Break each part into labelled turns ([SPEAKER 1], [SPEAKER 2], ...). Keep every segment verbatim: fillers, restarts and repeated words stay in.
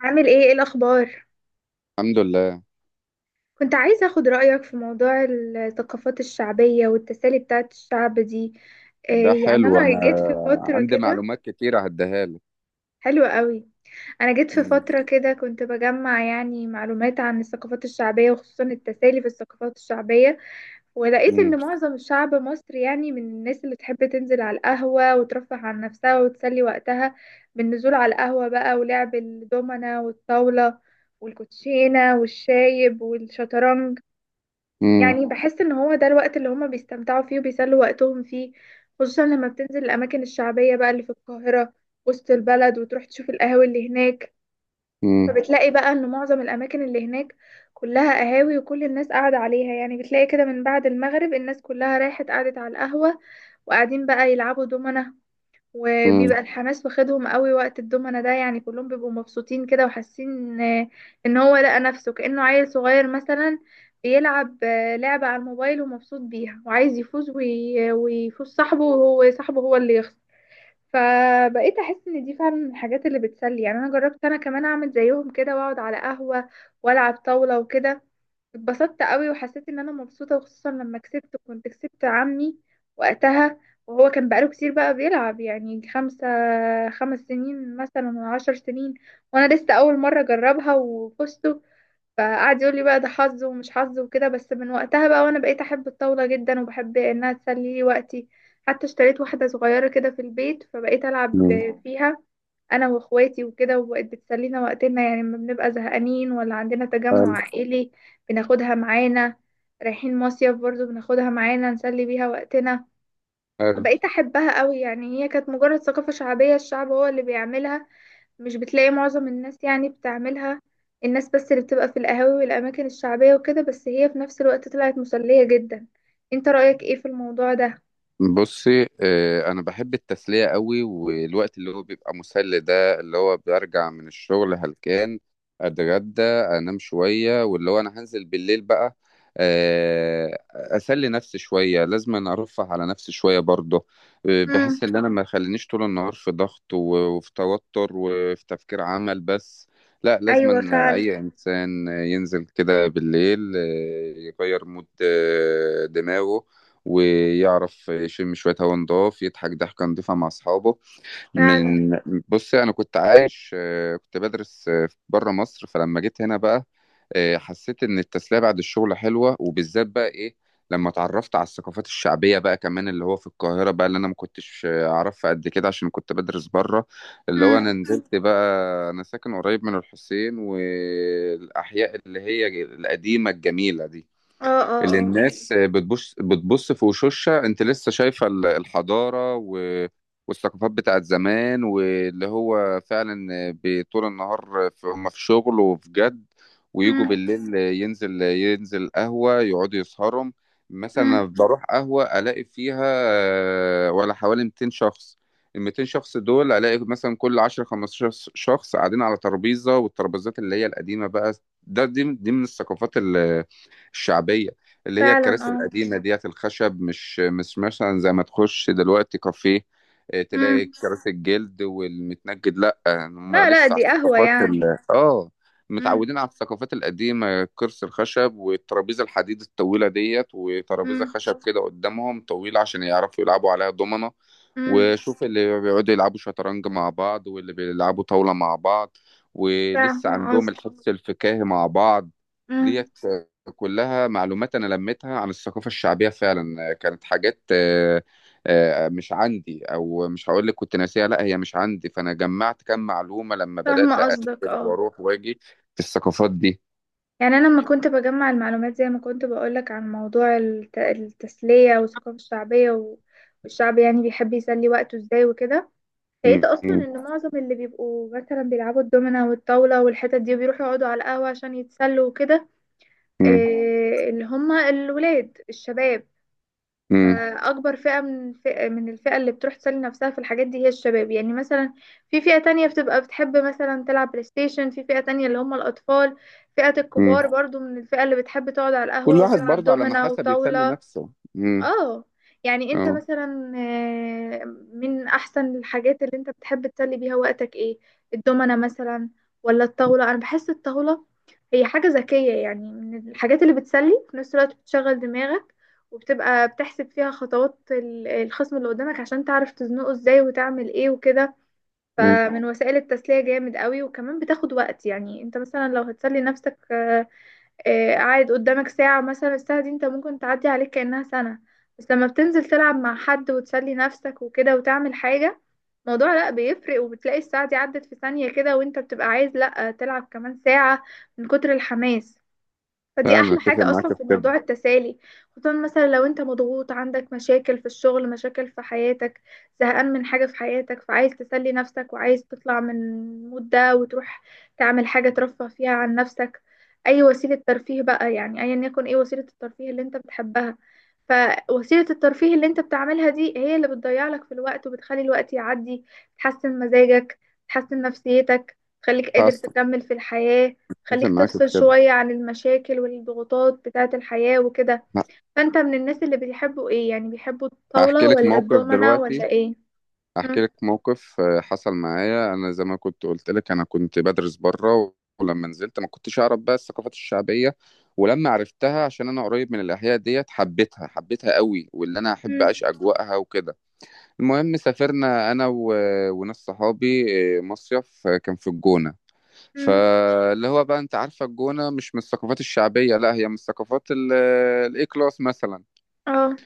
[SPEAKER 1] عامل ايه؟ ايه الاخبار؟
[SPEAKER 2] الحمد لله.
[SPEAKER 1] كنت عايزه اخد رايك في موضوع الثقافات الشعبيه والتسالي بتاعت الشعب دي.
[SPEAKER 2] ده
[SPEAKER 1] إيه يعني،
[SPEAKER 2] حلو، انا
[SPEAKER 1] انا جيت في فتره
[SPEAKER 2] عندي
[SPEAKER 1] كده.
[SPEAKER 2] معلومات كتيره هديها لك.
[SPEAKER 1] حلوه قوي. انا جيت في
[SPEAKER 2] مم.
[SPEAKER 1] فتره كده كنت بجمع يعني معلومات عن الثقافات الشعبيه وخصوصا التسالي في الثقافات الشعبيه. ولقيت
[SPEAKER 2] مم.
[SPEAKER 1] ان معظم الشعب مصري يعني من الناس اللي تحب تنزل على القهوة وترفه عن نفسها وتسلي وقتها بالنزول على القهوة بقى، ولعب الدومنة والطاولة والكوتشينة والشايب والشطرنج.
[SPEAKER 2] مم.
[SPEAKER 1] يعني بحس ان هو ده الوقت اللي هما بيستمتعوا فيه وبيسلوا وقتهم فيه، خصوصا لما بتنزل الاماكن الشعبية بقى اللي في القاهرة، وسط البلد، وتروح تشوف القهاوي اللي هناك.
[SPEAKER 2] مم.
[SPEAKER 1] فبتلاقي بقى ان معظم الاماكن اللي هناك كلها قهاوي، وكل الناس قاعدة عليها. يعني بتلاقي كده من بعد المغرب الناس كلها رايحة قعدت على القهوة، وقاعدين بقى يلعبوا دومنة،
[SPEAKER 2] مم.
[SPEAKER 1] وبيبقى الحماس واخدهم قوي وقت الدومنة ده، يعني كلهم بيبقوا مبسوطين كده وحاسين آه، ان هو لقى نفسه كأنه عيل صغير مثلا بيلعب آه، لعبة على الموبايل ومبسوط بيها وعايز يفوز وي- ويفوز صاحبه، وهو صاحبه هو اللي يخسر. فبقيت احس ان دي فعلا من الحاجات اللي بتسلي. يعني انا جربت انا كمان اعمل زيهم كده واقعد على قهوة والعب طاولة وكده. اتبسطت قوي وحسيت ان انا مبسوطة، وخصوصا لما كسبت، كنت كسبت عمي وقتها، وهو كان بقاله كتير بقى بيلعب يعني خمسة خمس سنين مثلا ولا عشر سنين، وانا لسه اول مرة اجربها وفزت. فقعد يقول لي بقى ده حظ ومش حظ وكده. بس من وقتها بقى وانا بقيت احب الطاولة جدا، وبحب انها تسلي لي وقتي. حتى اشتريت واحدة صغيرة كده في البيت فبقيت العب
[SPEAKER 2] مم.
[SPEAKER 1] فيها انا واخواتي وكده، وبقت بتسلينا وقتنا يعني لما بنبقى زهقانين، ولا عندنا
[SPEAKER 2] حلو.
[SPEAKER 1] تجمع عائلي بناخدها معانا. رايحين مصيف برضو بناخدها معانا نسلي بيها وقتنا.
[SPEAKER 2] حلو.
[SPEAKER 1] فبقيت احبها قوي. يعني هي كانت مجرد ثقافة شعبية الشعب هو اللي بيعملها، مش بتلاقي معظم الناس يعني بتعملها، الناس بس اللي بتبقى في القهاوي والأماكن الشعبية وكده، بس هي في نفس الوقت طلعت مسلية جدا. انت رأيك ايه في الموضوع ده؟
[SPEAKER 2] بصي، آه، انا بحب التسليه قوي، والوقت اللي هو بيبقى مسلي ده، اللي هو برجع من الشغل هلكان اتغدى انام شويه، واللي هو انا هنزل بالليل بقى آه، اسلي نفسي شويه. لازم أنا ارفه على نفسي شويه برضه. آه،
[SPEAKER 1] امم.
[SPEAKER 2] بحس ان انا ما خلينيش طول النهار في ضغط و- وفي توتر وفي تفكير عمل بس. لا، لازم
[SPEAKER 1] ايوه
[SPEAKER 2] أن
[SPEAKER 1] فعلا.
[SPEAKER 2] اي انسان ينزل كده بالليل، آه، يغير مود آه، دماغه، ويعرف يشم شوية هوا نضاف، يضحك ضحكة نضيفة مع أصحابه
[SPEAKER 1] فعلا.
[SPEAKER 2] من. بص، أنا كنت عايش، آه، كنت بدرس آه، بره مصر. فلما جيت هنا بقى آه، حسيت إن التسلية بعد الشغل حلوة، وبالذات بقى إيه لما اتعرفت على الثقافات الشعبية بقى كمان، اللي هو في القاهرة بقى، اللي أنا ما كنتش آه، أعرفها قد كده عشان كنت بدرس بره. اللي هو أنا
[SPEAKER 1] امم.
[SPEAKER 2] نزلت بقى. أنا ساكن قريب من الحسين والأحياء اللي هي القديمة الجميلة دي،
[SPEAKER 1] اه. اه.
[SPEAKER 2] اللي
[SPEAKER 1] اه.
[SPEAKER 2] الناس بتبص بتبص في وشوشها. انت لسه شايفه ال- الحضاره و... والثقافات بتاعت زمان، واللي هو فعلا بطول النهار في... هم في شغل وفي جد. ويجوا
[SPEAKER 1] امم.
[SPEAKER 2] بالليل ينزل ينزل قهوه، يقعدوا يسهروا. مثلا
[SPEAKER 1] امم.
[SPEAKER 2] أنا بروح قهوه الاقي فيها آه، ولا حوالي مئتين شخص. ال مئتين شخص دول الاقي مثلا كل عشر خمستاشر شخص قاعدين على ترابيزه، والترابيزات اللي هي القديمه بقى. ده دي دي من الثقافات ال- الشعبيه، اللي هي
[SPEAKER 1] فعلا.
[SPEAKER 2] الكراسي
[SPEAKER 1] اه.
[SPEAKER 2] القديمة ديت الخشب. مش مش مثلا زي ما تخش دلوقتي كافيه آه، تلاقي
[SPEAKER 1] امم.
[SPEAKER 2] كراسي الجلد والمتنجد. لا، هم
[SPEAKER 1] لا لا،
[SPEAKER 2] لسه على
[SPEAKER 1] دي قهوة
[SPEAKER 2] الثقافات
[SPEAKER 1] يعني.
[SPEAKER 2] ال... اه،
[SPEAKER 1] امم.
[SPEAKER 2] متعودين على الثقافات القديمة، كرسي الخشب والترابيزة الحديد الطويلة ديت، وترابيزة
[SPEAKER 1] امم.
[SPEAKER 2] خشب كده قدامهم طويلة عشان يعرفوا يلعبوا عليها دومنة.
[SPEAKER 1] امم.
[SPEAKER 2] وشوف اللي بيقعدوا يلعبوا شطرنج مع بعض، واللي بيلعبوا طاولة مع بعض، ولسه
[SPEAKER 1] فاهمة
[SPEAKER 2] عندهم
[SPEAKER 1] قصدك.
[SPEAKER 2] الحس الفكاهي مع بعض.
[SPEAKER 1] امم.
[SPEAKER 2] ديت كلها معلومات أنا لميتها عن الثقافة الشعبية. فعلا كانت حاجات آه، آه، مش عندي، أو مش هقول لك كنت ناسيها، لا، هي مش عندي. فأنا جمعت كام معلومة لما
[SPEAKER 1] فاهمة
[SPEAKER 2] بدأت
[SPEAKER 1] قصدك،
[SPEAKER 2] أنزل
[SPEAKER 1] اه.
[SPEAKER 2] وأروح وأجي في الثقافات دي.
[SPEAKER 1] يعني أنا لما كنت بجمع المعلومات زي ما كنت بقولك عن موضوع الت- التسلية والثقافة الشعبية و- والشعب، يعني بيحب يسلي وقته ازاي وكده، لقيت
[SPEAKER 2] م-
[SPEAKER 1] أصلا
[SPEAKER 2] م-
[SPEAKER 1] إن معظم اللي بيبقوا مثلا بيلعبوا الدومينة والطاولة والحتت دي وبيروحوا يقعدوا على القهوة عشان يتسلوا وكده.
[SPEAKER 2] م-
[SPEAKER 1] إيه؟ اللي هما الولاد الشباب.
[SPEAKER 2] م-
[SPEAKER 1] فأكبر فئة من الفئة من الفئة اللي بتروح تسلي نفسها في الحاجات دي هي الشباب. يعني مثلا في فئة تانية بتبقى بتحب مثلا تلعب بلاي ستيشن، في فئة تانية اللي هم الأطفال، فئة
[SPEAKER 2] م.
[SPEAKER 1] الكبار برضو من الفئة اللي بتحب تقعد على
[SPEAKER 2] كل
[SPEAKER 1] القهوة
[SPEAKER 2] واحد
[SPEAKER 1] وتلعب
[SPEAKER 2] برضه على ما
[SPEAKER 1] دومنا
[SPEAKER 2] حسب يسلي
[SPEAKER 1] وطاولة.
[SPEAKER 2] نفسه. م-
[SPEAKER 1] اه. يعني انت
[SPEAKER 2] اه.
[SPEAKER 1] مثلا آه، من احسن الحاجات اللي انت بتحب تسلي بيها وقتك ايه؟ الدومنة مثلا ولا الطاولة؟ انا بحس الطاولة هي حاجة ذكية يعني، من الحاجات اللي بتسلي في نفس الوقت بتشغل دماغك، وبتبقى بتحسب فيها خطوات ال- الخصم اللي قدامك عشان تعرف تزنقه ازاي، وتعمل ايه وكده.
[SPEAKER 2] م.
[SPEAKER 1] فمن وسائل التسلية جامد قوي، وكمان بتاخد وقت. يعني انت مثلا لو هتسلي نفسك آه، آه، قاعد قدامك ساعة مثلا، الساعة دي انت ممكن تعدي عليك كأنها سنة. بس لما بتنزل تلعب مع حد وتسلي نفسك وكده وتعمل حاجة، الموضوع لا بيفرق، وبتلاقي الساعة دي عدت في ثانية كده، وانت بتبقى عايز لا تلعب كمان ساعة من كتر الحماس. فدي
[SPEAKER 2] فعلا،
[SPEAKER 1] احلى
[SPEAKER 2] أتفق
[SPEAKER 1] حاجة
[SPEAKER 2] معاك
[SPEAKER 1] اصلا
[SPEAKER 2] في
[SPEAKER 1] في
[SPEAKER 2] كده.
[SPEAKER 1] موضوع التسالي، خصوصا مثلا لو انت مضغوط، عندك مشاكل في الشغل، مشاكل في حياتك، زهقان من حاجة في حياتك، فعايز تسلي نفسك، وعايز تطلع من المود ده وتروح تعمل حاجة ترفه فيها عن نفسك. اي وسيلة ترفيه بقى، يعني ايا يكن ايه وسيلة الترفيه اللي انت بتحبها. فوسيلة الترفيه اللي انت بتعملها دي هي اللي بتضيع لك في الوقت، وبتخلي الوقت يعدي، تحسن مزاجك، تحسن نفسيتك، تخليك قادر
[SPEAKER 2] حصل.
[SPEAKER 1] تكمل في الحياة.
[SPEAKER 2] اتفق
[SPEAKER 1] خليك
[SPEAKER 2] معاك في
[SPEAKER 1] تفصل
[SPEAKER 2] كده.
[SPEAKER 1] شوية عن المشاكل والضغوطات بتاعة الحياة وكده.
[SPEAKER 2] ه-
[SPEAKER 1] فأنت من الناس اللي بيحبوا إيه؟ يعني بيحبوا
[SPEAKER 2] هحكي
[SPEAKER 1] الطاولة
[SPEAKER 2] لك
[SPEAKER 1] ولا
[SPEAKER 2] موقف
[SPEAKER 1] الدومنة ولا
[SPEAKER 2] دلوقتي.
[SPEAKER 1] إيه؟
[SPEAKER 2] هحكي
[SPEAKER 1] مم.
[SPEAKER 2] لك موقف آه، حصل معايا انا. زي ما كنت قلت لك انا كنت بدرس بره، ولما نزلت ما كنتش اعرف بقى الثقافات الشعبيه. ولما عرفتها عشان انا قريب من الاحياء ديت حبيتها، حبيتها قوي، واللي انا احب
[SPEAKER 1] مم.
[SPEAKER 2] اعيش اجواءها وكده. المهم سافرنا انا و... وناس صحابي آه، مصيف، آه، كان في الجونه.
[SPEAKER 1] مم.
[SPEAKER 2] فاللي هو بقى انت عارفه الجونه مش من الثقافات الشعبيه، لا، هي من الثقافات الاي كلاس مثلا.
[SPEAKER 1] اه.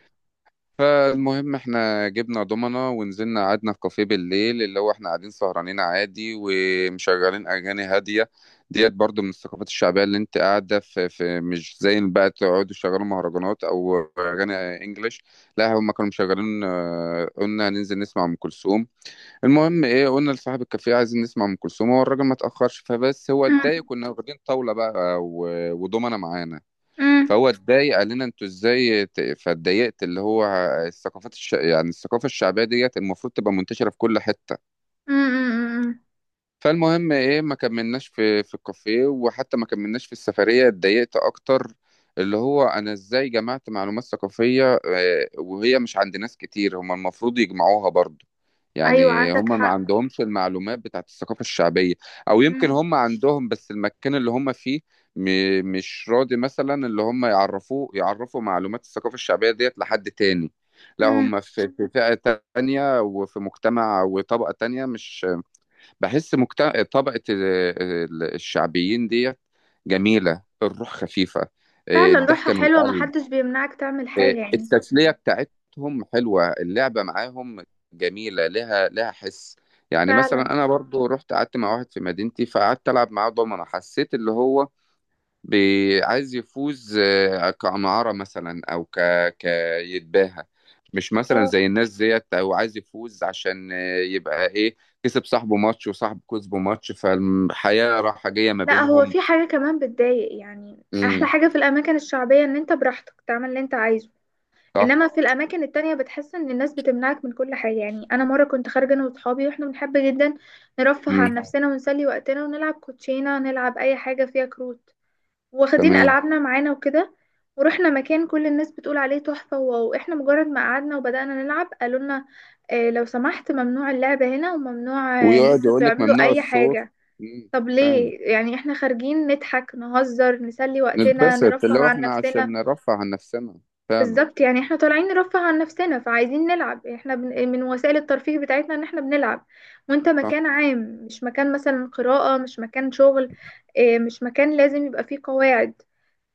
[SPEAKER 2] فالمهم احنا جبنا دومنا ونزلنا قعدنا في كافيه بالليل، اللي هو احنا قاعدين سهرانين عادي، ومشغلين اغاني هاديه. ديت برضو من الثقافات الشعبيه اللي انت قاعده في, في، مش زي بقى تقعدوا شغالوا مهرجانات او اغاني انجليش. لا، هم كانوا مشغلين، آه، قلنا هننزل نسمع ام كلثوم. المهم ايه، قلنا لصاحب الكافيه عايزين نسمع ام كلثوم، هو الراجل ما تاخرش. فبس هو
[SPEAKER 1] مم.
[SPEAKER 2] اتضايق، كنا واخدين طاوله بقى و- ودومنا معانا.
[SPEAKER 1] مم.
[SPEAKER 2] فهو اتضايق قال لنا انتوا ازاي ت- فاتضايقت. اللي هو الثقافات الش... يعني الثقافه الشعبيه ديت المفروض تبقى منتشره في كل حته.
[SPEAKER 1] مم. مم.
[SPEAKER 2] فالمهم ايه، ما كملناش في في الكافيه، وحتى ما كملناش في السفرية. اتضايقت اكتر، اللي هو انا ازاي جمعت معلومات ثقافية آه، وهي مش عند ناس كتير، هم المفروض يجمعوها برضو.
[SPEAKER 1] أيوة
[SPEAKER 2] يعني
[SPEAKER 1] عندك
[SPEAKER 2] هم ما
[SPEAKER 1] حق.
[SPEAKER 2] عندهمش المعلومات بتاعت الثقافة الشعبية. او يمكن
[SPEAKER 1] مم.
[SPEAKER 2] هم عندهم بس المكان اللي هم فيه م- مش راضي مثلا اللي هم يعرفوه يعرفوا معلومات الثقافة الشعبية ديت لحد تاني. لا،
[SPEAKER 1] مم.
[SPEAKER 2] هم في في فئة تانية وفي مجتمع وطبقة تانية، مش بحس مجتمع طبقة ال- ال- الشعبيين ديت جميلة. الروح خفيفة، آه،
[SPEAKER 1] فعلا روحها
[SPEAKER 2] الضحكة من
[SPEAKER 1] حلوة،
[SPEAKER 2] القلب،
[SPEAKER 1] محدش بيمنعك تعمل
[SPEAKER 2] آه،
[SPEAKER 1] حاجة يعني.
[SPEAKER 2] التسلية بتاعتهم حلوة، اللعبة معاهم جميلة، لها لها حس. يعني
[SPEAKER 1] فعلا
[SPEAKER 2] مثلا أنا برضو رحت قعدت مع واحد في مدينتي، فقعدت ألعب معاه دومنة. حسيت اللي هو بي- عايز يفوز آه، كعمارة مثلا، أو ك... كيتباهى، مش مثلا
[SPEAKER 1] اه.
[SPEAKER 2] زي الناس ديت. أو عايز يفوز عشان آه، يبقى إيه، كسب صاحبه ماتش وصاحبه كسبه ماتش، فالحياة رايحة جاية ما
[SPEAKER 1] لا، هو
[SPEAKER 2] بينهم.
[SPEAKER 1] في حاجة كمان بتضايق، يعني أحلى
[SPEAKER 2] امم.
[SPEAKER 1] حاجة في الأماكن الشعبية إن أنت براحتك تعمل اللي أنت عايزه.
[SPEAKER 2] صح.
[SPEAKER 1] انما في الاماكن التانية بتحس ان الناس بتمنعك من كل حاجة. يعني انا مرة كنت خارجة انا واصحابي، واحنا بنحب جدا نرفه عن
[SPEAKER 2] امم.
[SPEAKER 1] نفسنا ونسلي وقتنا ونلعب كوتشينة، نلعب اي حاجة فيها كروت، واخدين
[SPEAKER 2] تمام.
[SPEAKER 1] العابنا معانا وكده. ورحنا مكان كل الناس بتقول عليه تحفة واو، احنا مجرد ما قعدنا وبدأنا نلعب قالوا لنا، اه لو سمحت ممنوع اللعب هنا، وممنوع آه، ان
[SPEAKER 2] ويقعد
[SPEAKER 1] انتوا
[SPEAKER 2] يقول لك
[SPEAKER 1] تعملوا
[SPEAKER 2] ممنوع
[SPEAKER 1] اي
[SPEAKER 2] الصوت.
[SPEAKER 1] حاجة.
[SPEAKER 2] امم.
[SPEAKER 1] طب
[SPEAKER 2] فاهم.
[SPEAKER 1] ليه؟ يعني احنا خارجين نضحك نهزر نسلي وقتنا
[SPEAKER 2] نتبسط،
[SPEAKER 1] نرفه
[SPEAKER 2] اللي هو
[SPEAKER 1] عن
[SPEAKER 2] إحنا عشان
[SPEAKER 1] نفسنا.
[SPEAKER 2] نرفع عن نفسنا. فعلا.
[SPEAKER 1] بالظبط. يعني احنا طالعين نرفه عن نفسنا، فعايزين نلعب، احنا بن... من وسائل الترفيه بتاعتنا ان احنا بنلعب، وانت
[SPEAKER 2] صح.
[SPEAKER 1] مكان عام، مش مكان مثلا قراءة، مش مكان شغل، اه، مش مكان لازم يبقى فيه قواعد.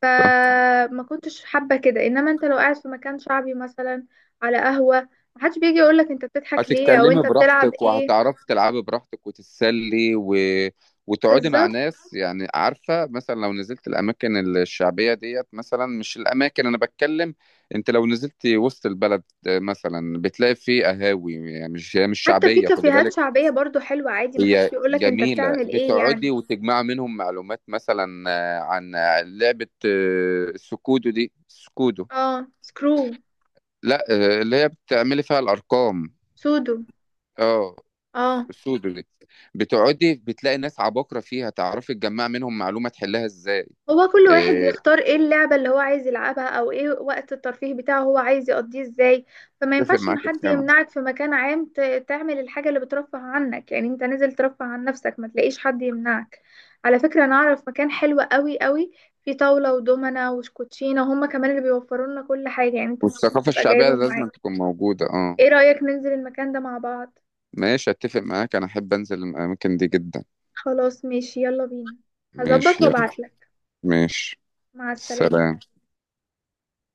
[SPEAKER 1] فما كنتش حابة كده. انما انت لو قاعد في مكان شعبي مثلا، على قهوة، محدش بيجي يقولك انت بتضحك ليه، او
[SPEAKER 2] هتتكلمي
[SPEAKER 1] انت بتلعب
[SPEAKER 2] براحتك
[SPEAKER 1] ايه.
[SPEAKER 2] وهتعرفي تلعبي براحتك وتتسلي و... وتقعدي مع
[SPEAKER 1] بالظبط.
[SPEAKER 2] ناس. يعني عارفة مثلا لو نزلت الأماكن الشعبية ديت، مثلا مش الأماكن أنا بتكلم. أنت لو نزلت وسط البلد مثلا بتلاقي فيه قهاوي يعني، مش هي مش
[SPEAKER 1] حتى في
[SPEAKER 2] شعبية، خدي
[SPEAKER 1] كافيهات
[SPEAKER 2] بالك.
[SPEAKER 1] شعبية برضو حلوة عادي، محدش
[SPEAKER 2] هي
[SPEAKER 1] بيقولك انت
[SPEAKER 2] جميلة،
[SPEAKER 1] بتعمل ايه يعني.
[SPEAKER 2] بتقعدي وتجمع منهم معلومات مثلا آه، عن لعبة آه، السكودو دي، السكودو.
[SPEAKER 1] اه. سكرو.
[SPEAKER 2] لا، آه، اللي هي بتعملي فيها الأرقام.
[SPEAKER 1] سودو.
[SPEAKER 2] اه.
[SPEAKER 1] اه.
[SPEAKER 2] السوداني. بتقعدي بتلاقي ناس عباقرة فيها، تعرفي تجمع منهم معلومة تحلها ازاي.
[SPEAKER 1] هو كل واحد
[SPEAKER 2] إيه،
[SPEAKER 1] بيختار ايه اللعبة اللي هو عايز يلعبها، او ايه وقت الترفيه بتاعه هو عايز يقضيه ازاي. فما
[SPEAKER 2] اتفق
[SPEAKER 1] ينفعش ان
[SPEAKER 2] معاك في
[SPEAKER 1] حد
[SPEAKER 2] كلامك.
[SPEAKER 1] يمنعك في مكان عام ت- تعمل الحاجة اللي بترفه عنك. يعني انت نازل ترفه عن نفسك، ما تلاقيش حد يمنعك. على فكرة انا اعرف مكان حلو قوي قوي، فيه طاولة ودومنة وشكوتشينة، هما كمان اللي بيوفروا لنا كل حاجة يعني، انت مش
[SPEAKER 2] والثقافة
[SPEAKER 1] هتبقى
[SPEAKER 2] الشعبية
[SPEAKER 1] جايبهم
[SPEAKER 2] لازم
[SPEAKER 1] معاك.
[SPEAKER 2] تكون موجودة. اه.
[SPEAKER 1] ايه رأيك ننزل المكان ده مع بعض؟
[SPEAKER 2] ماشي، اتفق معاك، انا احب انزل الاماكن دي جدا.
[SPEAKER 1] خلاص ماشي، يلا بينا. هظبط
[SPEAKER 2] ماشي، يلا.
[SPEAKER 1] وابعتلك.
[SPEAKER 2] ماشي.
[SPEAKER 1] مع السلامة.
[SPEAKER 2] سلام.